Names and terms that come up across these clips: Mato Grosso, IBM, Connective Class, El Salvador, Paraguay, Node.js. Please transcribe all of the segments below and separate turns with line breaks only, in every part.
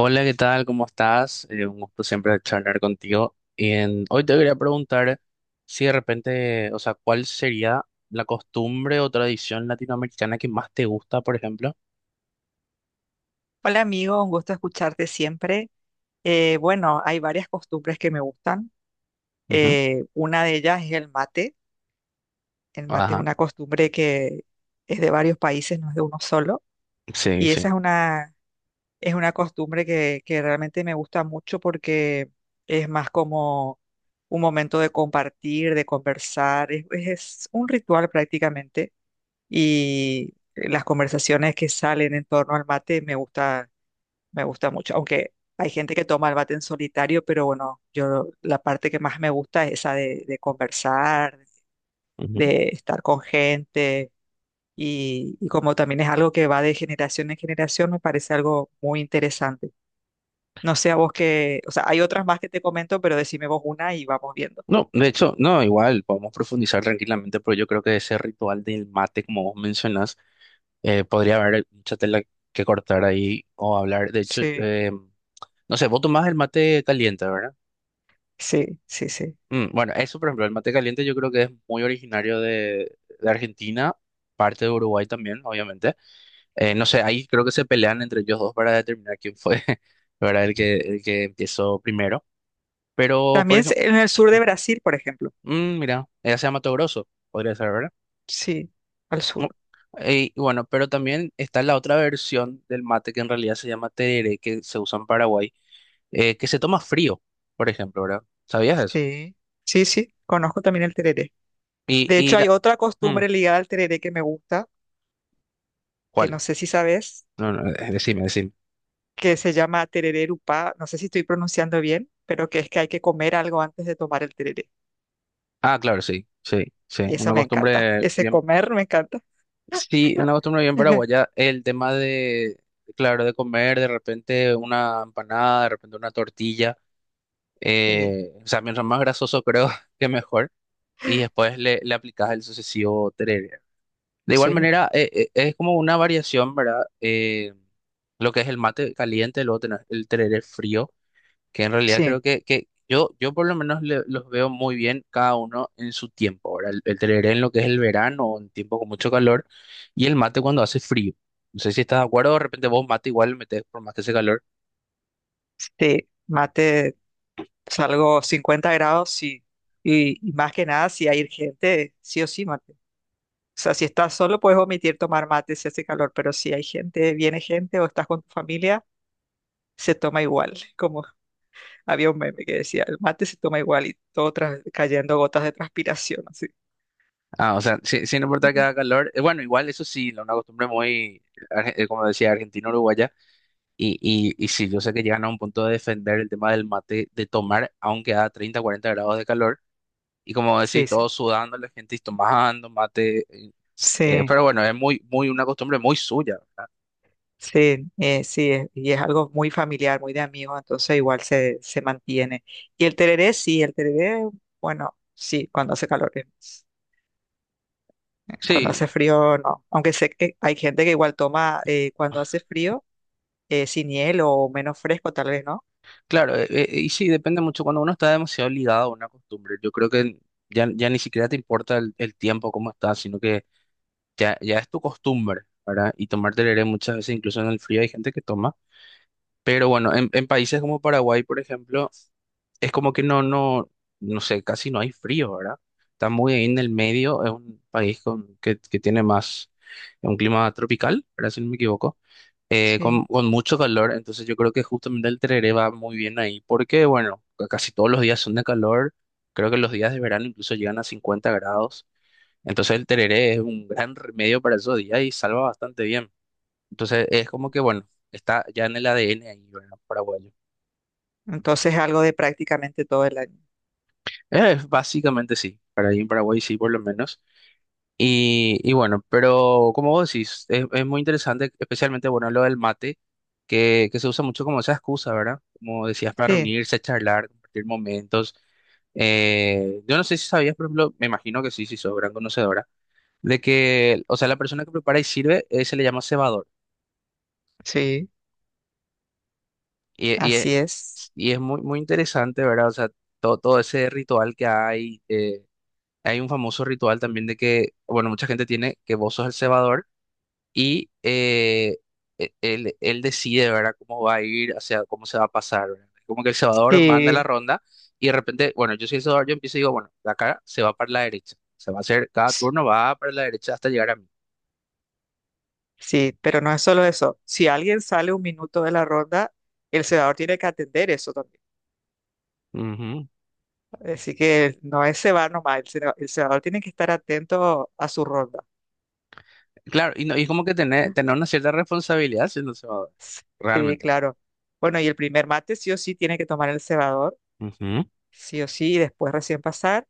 Hola, ¿qué tal? ¿Cómo estás? Un gusto siempre charlar contigo. Y hoy te quería preguntar si de repente, o sea, ¿cuál sería la costumbre o tradición latinoamericana que más te gusta, por ejemplo?
Hola amigo, un gusto escucharte siempre. Bueno, hay varias costumbres que me gustan.
Ujú.
Una de ellas es el mate. El mate es
Ajá,
una costumbre que es de varios países, no es de uno solo.
sí,
Y esa
sí.
es una costumbre que realmente me gusta mucho porque es más como un momento de compartir, de conversar. Es un ritual prácticamente. Y las conversaciones que salen en torno al mate me gusta mucho, aunque hay gente que toma el mate en solitario, pero bueno, yo la parte que más me gusta es esa de conversar,
Ujú.
de estar con gente y como también es algo que va de generación en generación, me parece algo muy interesante. No sé a vos que, o sea, hay otras más que te comento, pero decime vos una y vamos viendo.
No, de hecho, no, igual, podemos profundizar tranquilamente, pero yo creo que ese ritual del mate, como vos mencionas, podría haber mucha tela que cortar ahí o hablar. De hecho,
Sí,
no sé, vos tomás el mate caliente, ¿verdad?
sí, sí, sí.
Bueno, eso, por ejemplo, el mate caliente yo creo que es muy originario de Argentina, parte de Uruguay también, obviamente. No sé, ahí creo que se pelean entre ellos dos para determinar quién fue, ¿verdad? El que empezó primero. Pero, por
También
ejemplo,
en el sur de Brasil, por ejemplo.
mira, ella se llama Mato Grosso, podría ser, ¿verdad?
Sí, al sur.
No. Y bueno, pero también está la otra versión del mate que en realidad se llama tereré, que se usa en Paraguay, que se toma frío, por ejemplo, ¿verdad? ¿Sabías eso?
Sí, sí, sí, conozco también el tereré.
Y,
De
y
hecho, hay
la.
otra
mm,
costumbre ligada al tereré que me gusta, que no
¿cuál?
sé si sabes,
No, no, decime, decime.
que se llama tereré erupá, no sé si estoy pronunciando bien, pero que es que hay que comer algo antes de tomar el tereré.
Ah, claro, sí, sí, sí,
Y eso
una
me encanta.
costumbre
Ese
bien,
comer me encanta.
sí, una costumbre bien paraguaya, el tema de, claro, de comer de repente una empanada, de repente una tortilla,
Sí,
o sea, mientras más grasoso creo que mejor, y después le aplicas el sucesivo tereré. De igual
sí,
manera, es como una variación, ¿verdad? Lo que es el mate caliente, luego tenés el tereré frío, que, en realidad creo
sí,
que yo por lo menos los veo muy bien cada uno en su tiempo. Ahora, el tereré en lo que es el verano, o en tiempo con mucho calor, y el mate cuando hace frío. No sé si estás de acuerdo, de repente vos mate igual metés por más que hace calor.
sí. Mate, salgo 50 grados, sí. Y más que nada, si hay gente, sí o sí, mate. O sea, si estás solo, puedes omitir tomar mate si hace calor, pero si hay gente, viene gente o estás con tu familia, se toma igual, como Había un meme que decía, el mate se toma igual y todo cayendo gotas de transpiración, así.
Ah, o sea, sin importar que
Ujú.
haga calor. Bueno, igual eso sí, una costumbre muy, como decía, argentino-uruguaya. Y sí, yo sé que llegan a un punto de defender el tema del mate, de tomar, aunque a 30 40 grados de calor. Y como
Sí,
decís,
sí,
todos sudando, la gente y tomando mate.
sí,
Pero bueno, es muy, muy una costumbre muy suya, ¿verdad?
sí, sí, y es algo muy familiar, muy de amigos, entonces igual se mantiene. Y el tereré, sí, el tereré, bueno, sí, cuando hace calor, cuando hace
Sí,
frío, no. Aunque sé que hay gente que igual toma cuando hace frío, sin hielo o menos fresco, tal vez, ¿no?
claro, y sí, depende mucho. Cuando uno está demasiado ligado a una costumbre, yo creo que ya ni siquiera te importa el tiempo, cómo estás, sino que ya es tu costumbre, ¿verdad? Y tomar tereré muchas veces, incluso en el frío, hay gente que toma. Pero bueno, en países como Paraguay, por ejemplo, es como que no, no, no sé, casi no hay frío, ¿verdad? Está muy ahí en el medio, es un país que tiene más un clima tropical, ¿verdad? Si no me equivoco. eh, con,
Sí.
con mucho calor, entonces yo creo que justamente el tereré va muy bien ahí, porque bueno, casi todos los días son de calor, creo que los días de verano incluso llegan a 50 grados, entonces el tereré es un gran remedio para esos días y salva bastante bien. Entonces es como que bueno, está ya en el ADN ahí, ¿verdad? Paraguayo.
Entonces es algo de prácticamente todo el año.
Básicamente sí, para ahí en Paraguay sí por lo menos. Y bueno, pero como vos decís, es muy interesante, especialmente, bueno, lo del mate, que se usa mucho como esa excusa, ¿verdad? Como decías, para
Sí,
reunirse, charlar, compartir momentos. Yo no sé si sabías, por ejemplo, me imagino que sí, si sos gran conocedora, de que, o sea, la persona que prepara y sirve se le llama cebador.
sí,
Y, y es,
así es.
y es muy, muy interesante, ¿verdad? O sea, todo, todo ese ritual que hay un famoso ritual también de que, bueno, mucha gente tiene que vos sos el cebador y él decide, ¿verdad?, cómo va a ir, o sea, cómo se va a pasar, ¿verdad? Como que El Salvador manda la
Sí.
ronda y de repente, bueno, yo soy El Salvador, yo empiezo y digo, bueno, de acá se va para la derecha, se va a hacer, cada turno va para la derecha hasta llegar a mí.
Sí, pero no es solo eso. Si alguien sale un minuto de la ronda, el cebador tiene que atender eso también.
Ujú,
Así que no es cebar nomás, el cebador tiene que estar atento a su ronda.
claro, y, no, y como que tener, tener una cierta responsabilidad siendo Salvador,
Sí,
realmente.
claro. Bueno, y el primer mate sí o sí tiene que tomar el cebador,
Ujú.
sí o sí, y después recién pasar.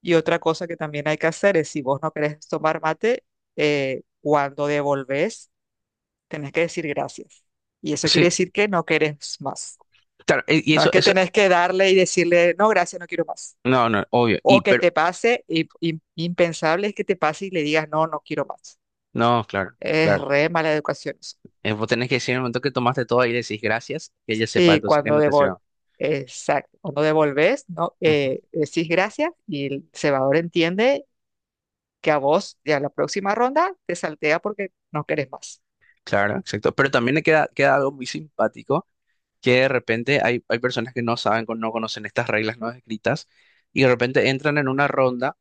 Y otra cosa que también hay que hacer es, si vos no querés tomar mate, cuando devolvés, tenés que decir gracias. Y eso quiere
Sí,
decir que no querés más.
claro, y
No es
eso,
que
eso,
tenés que darle y decirle, no, gracias, no quiero más.
no, no, obvio, y,
O que
pero,
te pase, impensable es que te pase y le digas, no, no quiero más.
no, claro,
Es
claro.
re mala educación eso.
Vos tenés que decir en el momento que tomaste todo y decís gracias, que ella sepa
Sí,
entonces que
cuando
no te
devol
sirva.
exacto, cuando devolves, no, decís gracias y el cebador entiende que a vos, ya la próxima ronda, te saltea porque no querés más.
Claro, exacto. Pero también le queda, queda algo muy simpático, que de repente hay personas que no saben, no conocen estas reglas no escritas, y de repente entran en una ronda.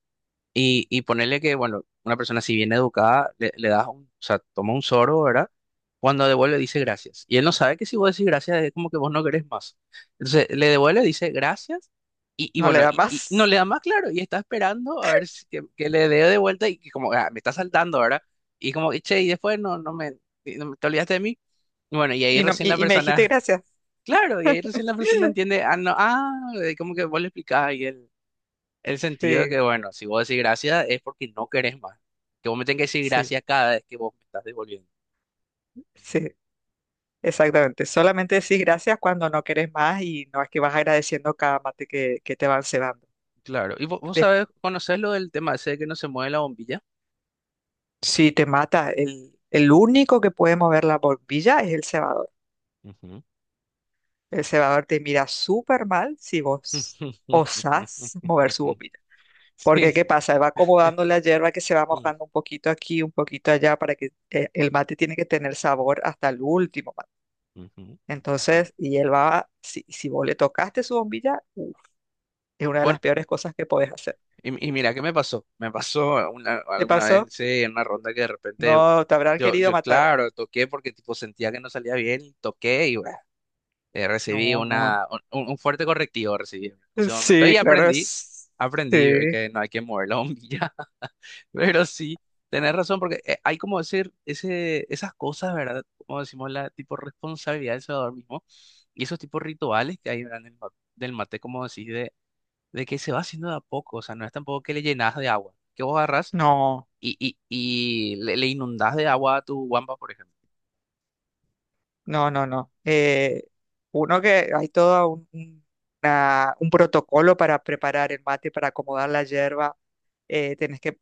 Y ponerle que, bueno, una persona si bien educada, le das un, o sea, toma un sorbo, ¿verdad? Cuando devuelve dice gracias. Y él no sabe que si vos decís gracias es como que vos no querés más. Entonces le devuelve, dice gracias y
No le
bueno,
da
y no
más.
le da más claro y está esperando a ver si, que le dé de vuelta y que como ah, me está saltando, ¿verdad? Y che, y después no, no me, te olvidaste de mí. Y bueno, y ahí
Y, no,
recién la
y me dijiste
persona,
gracias.
claro, y ahí recién la persona entiende, ah, no, ah, como que vos le explicás y él el sentido de que,
Sí,
bueno, si vos decís gracias es porque no querés más. Que vos me tenés que decir
sí,
gracias cada vez que vos me estás devolviendo.
sí. Exactamente, solamente decís gracias cuando no querés más y no es que vas agradeciendo cada mate que te van cebando.
Claro. Y vos, vos
De-
sabés, conocés lo del tema ese de que no se mueve la bombilla.
si te mata, el único que puede mover la bombilla es el cebador.
Ujú,
El cebador te mira súper mal si vos osás mover su bombilla. Porque,
sí.
¿qué pasa? Él va acomodando la hierba que se va mojando un poquito aquí, un poquito allá, para que el mate tiene que tener sabor hasta el último mate.
Ujú. Ah,
Entonces, y él va, si vos le tocaste su bombilla, uf, es una de
bueno,
las peores cosas que podés hacer.
y mira, ¿qué me pasó? Me pasó una,
¿Te
alguna vez,
pasó?
sí, en una ronda que de repente,
No, te habrán querido matar.
claro, toqué porque tipo sentía que no salía bien, y toqué y bueno. Recibí
No, no.
un fuerte correctivo recibí en ese momento
Sí,
y
claro,
aprendí,
es... Sí.
que no hay que mover la bombilla, pero sí, tenés razón porque hay como decir ese, esas cosas, ¿verdad? Como decimos, la tipo responsabilidad del salvador mismo y esos tipos rituales que hay, ¿verdad? Del mate, como decís, de que se va haciendo de a poco, o sea, no es tampoco que le llenas de agua, que vos agarrás
No,
y le inundás de agua a tu guampa, por ejemplo.
no, no, no. Uno que hay todo un protocolo para preparar el mate, para acomodar la hierba. Eh, tenés que,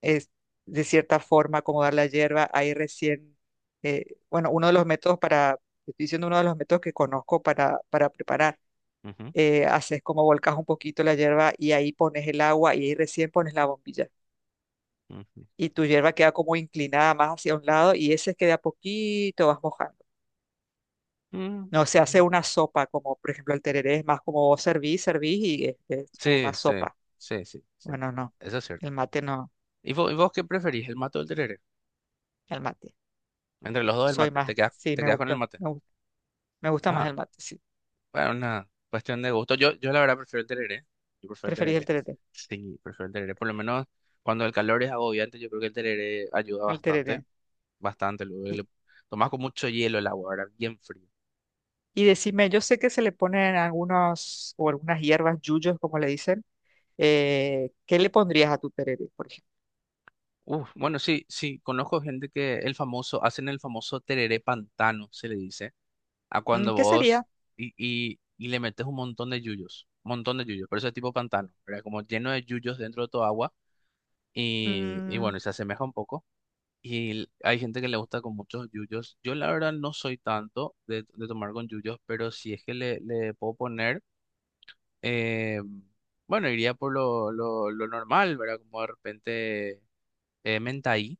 es, de cierta forma, acomodar la hierba. Ahí recién, bueno, uno de los métodos. Te estoy diciendo uno de los métodos que conozco para preparar.
Ujú,
Haces como volcas un poquito la hierba y ahí pones el agua y ahí recién pones la bombilla.
ujú.
Y tu hierba queda como inclinada más hacia un lado y ese es que de a poquito vas mojando.
Mm,
No se hace
ujú.
una sopa, como por ejemplo el tereré, es más como vos servís, servís y es como
Sí,
más
sí,
sopa.
sí, sí, sí.
Bueno, no,
Eso es cierto.
el mate no,
¿Y vos qué preferís, el mate o el tereré?
el mate.
Entre los dos el
Soy
mate,
más, sí,
te
me
quedas con el
gusta,
mate.
me gusta, me gusta más
Ah,
el mate, sí.
bueno, una cuestión de gusto. Yo la verdad prefiero el tereré. Yo prefiero el
Preferís el
tereré.
tereré,
Sí, prefiero el tereré. Por lo menos cuando el calor es agobiante, yo creo que el tereré ayuda
el
bastante,
tereré.
bastante. Luego
Y,
le tomás con mucho hielo el agua, ahora bien frío.
y decime, yo sé que se le ponen algunos o algunas hierbas, yuyos, como le dicen. ¿Qué le pondrías a tu tereré, por ejemplo?
Uf, bueno, sí, sí, conozco gente que el famoso, hacen el famoso tereré pantano, se le dice a
Mm,
cuando
¿qué
vos
sería?
y le metes un montón de yuyos, un montón de yuyos, pero eso es tipo pantano, ¿verdad? Como lleno de yuyos dentro de tu agua y bueno,
Mm,
y se asemeja un poco. Y hay gente que le gusta con muchos yuyos. Yo la verdad no soy tanto de tomar con yuyos, pero si es que le puedo poner, eh, bueno, iría por lo normal, ¿verdad? Como de repente menta ahí,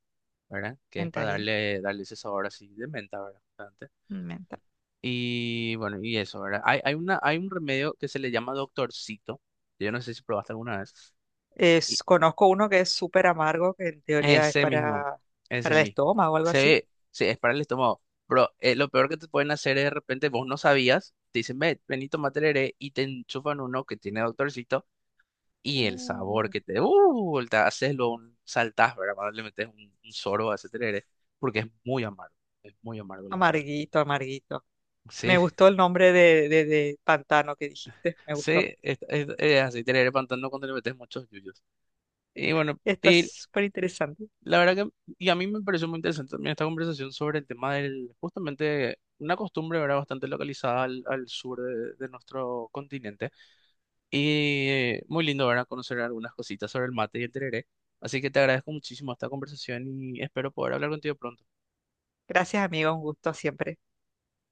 ¿verdad? Que es
menta
para
ahí,
darle, darle ese sabor así de menta, ¿verdad?
menta.
Y bueno, y eso, ¿verdad? Hay una, hay un remedio que se le llama doctorcito. Yo no sé si probaste alguna vez. Y
Conozco uno que es súper amargo, que en teoría es
ese mismo,
para,
ese
para el
mismo.
estómago o algo así.
Se es para el estómago. Pero lo peor que te pueden hacer es de repente, vos no sabías, te dicen, ve, vení, tomate el heré", y te enchufan uno que tiene doctorcito y el sabor
Uh,
que te. ¡Uh! Te haces luego un saltás, ¿verdad? Cuando le metes un sorbo a ese tereré, porque es muy amargo, la verdad.
Amarguito, amarguito. Me
Sí,
gustó el nombre de pantano que dijiste, me gustó.
sí, es así, tereré pantano cuando le metes muchos yuyos. Y bueno,
Está
y
súper interesante.
la verdad que y a mí me pareció muy interesante también esta conversación sobre el tema del, justamente, una costumbre, ¿verdad? Bastante localizada al, al sur de nuestro continente. Y muy lindo, ¿verdad? Conocer algunas cositas sobre el mate y el tereré. Así que te agradezco muchísimo esta conversación y espero poder hablar contigo pronto.
Gracias, amigo, un gusto siempre.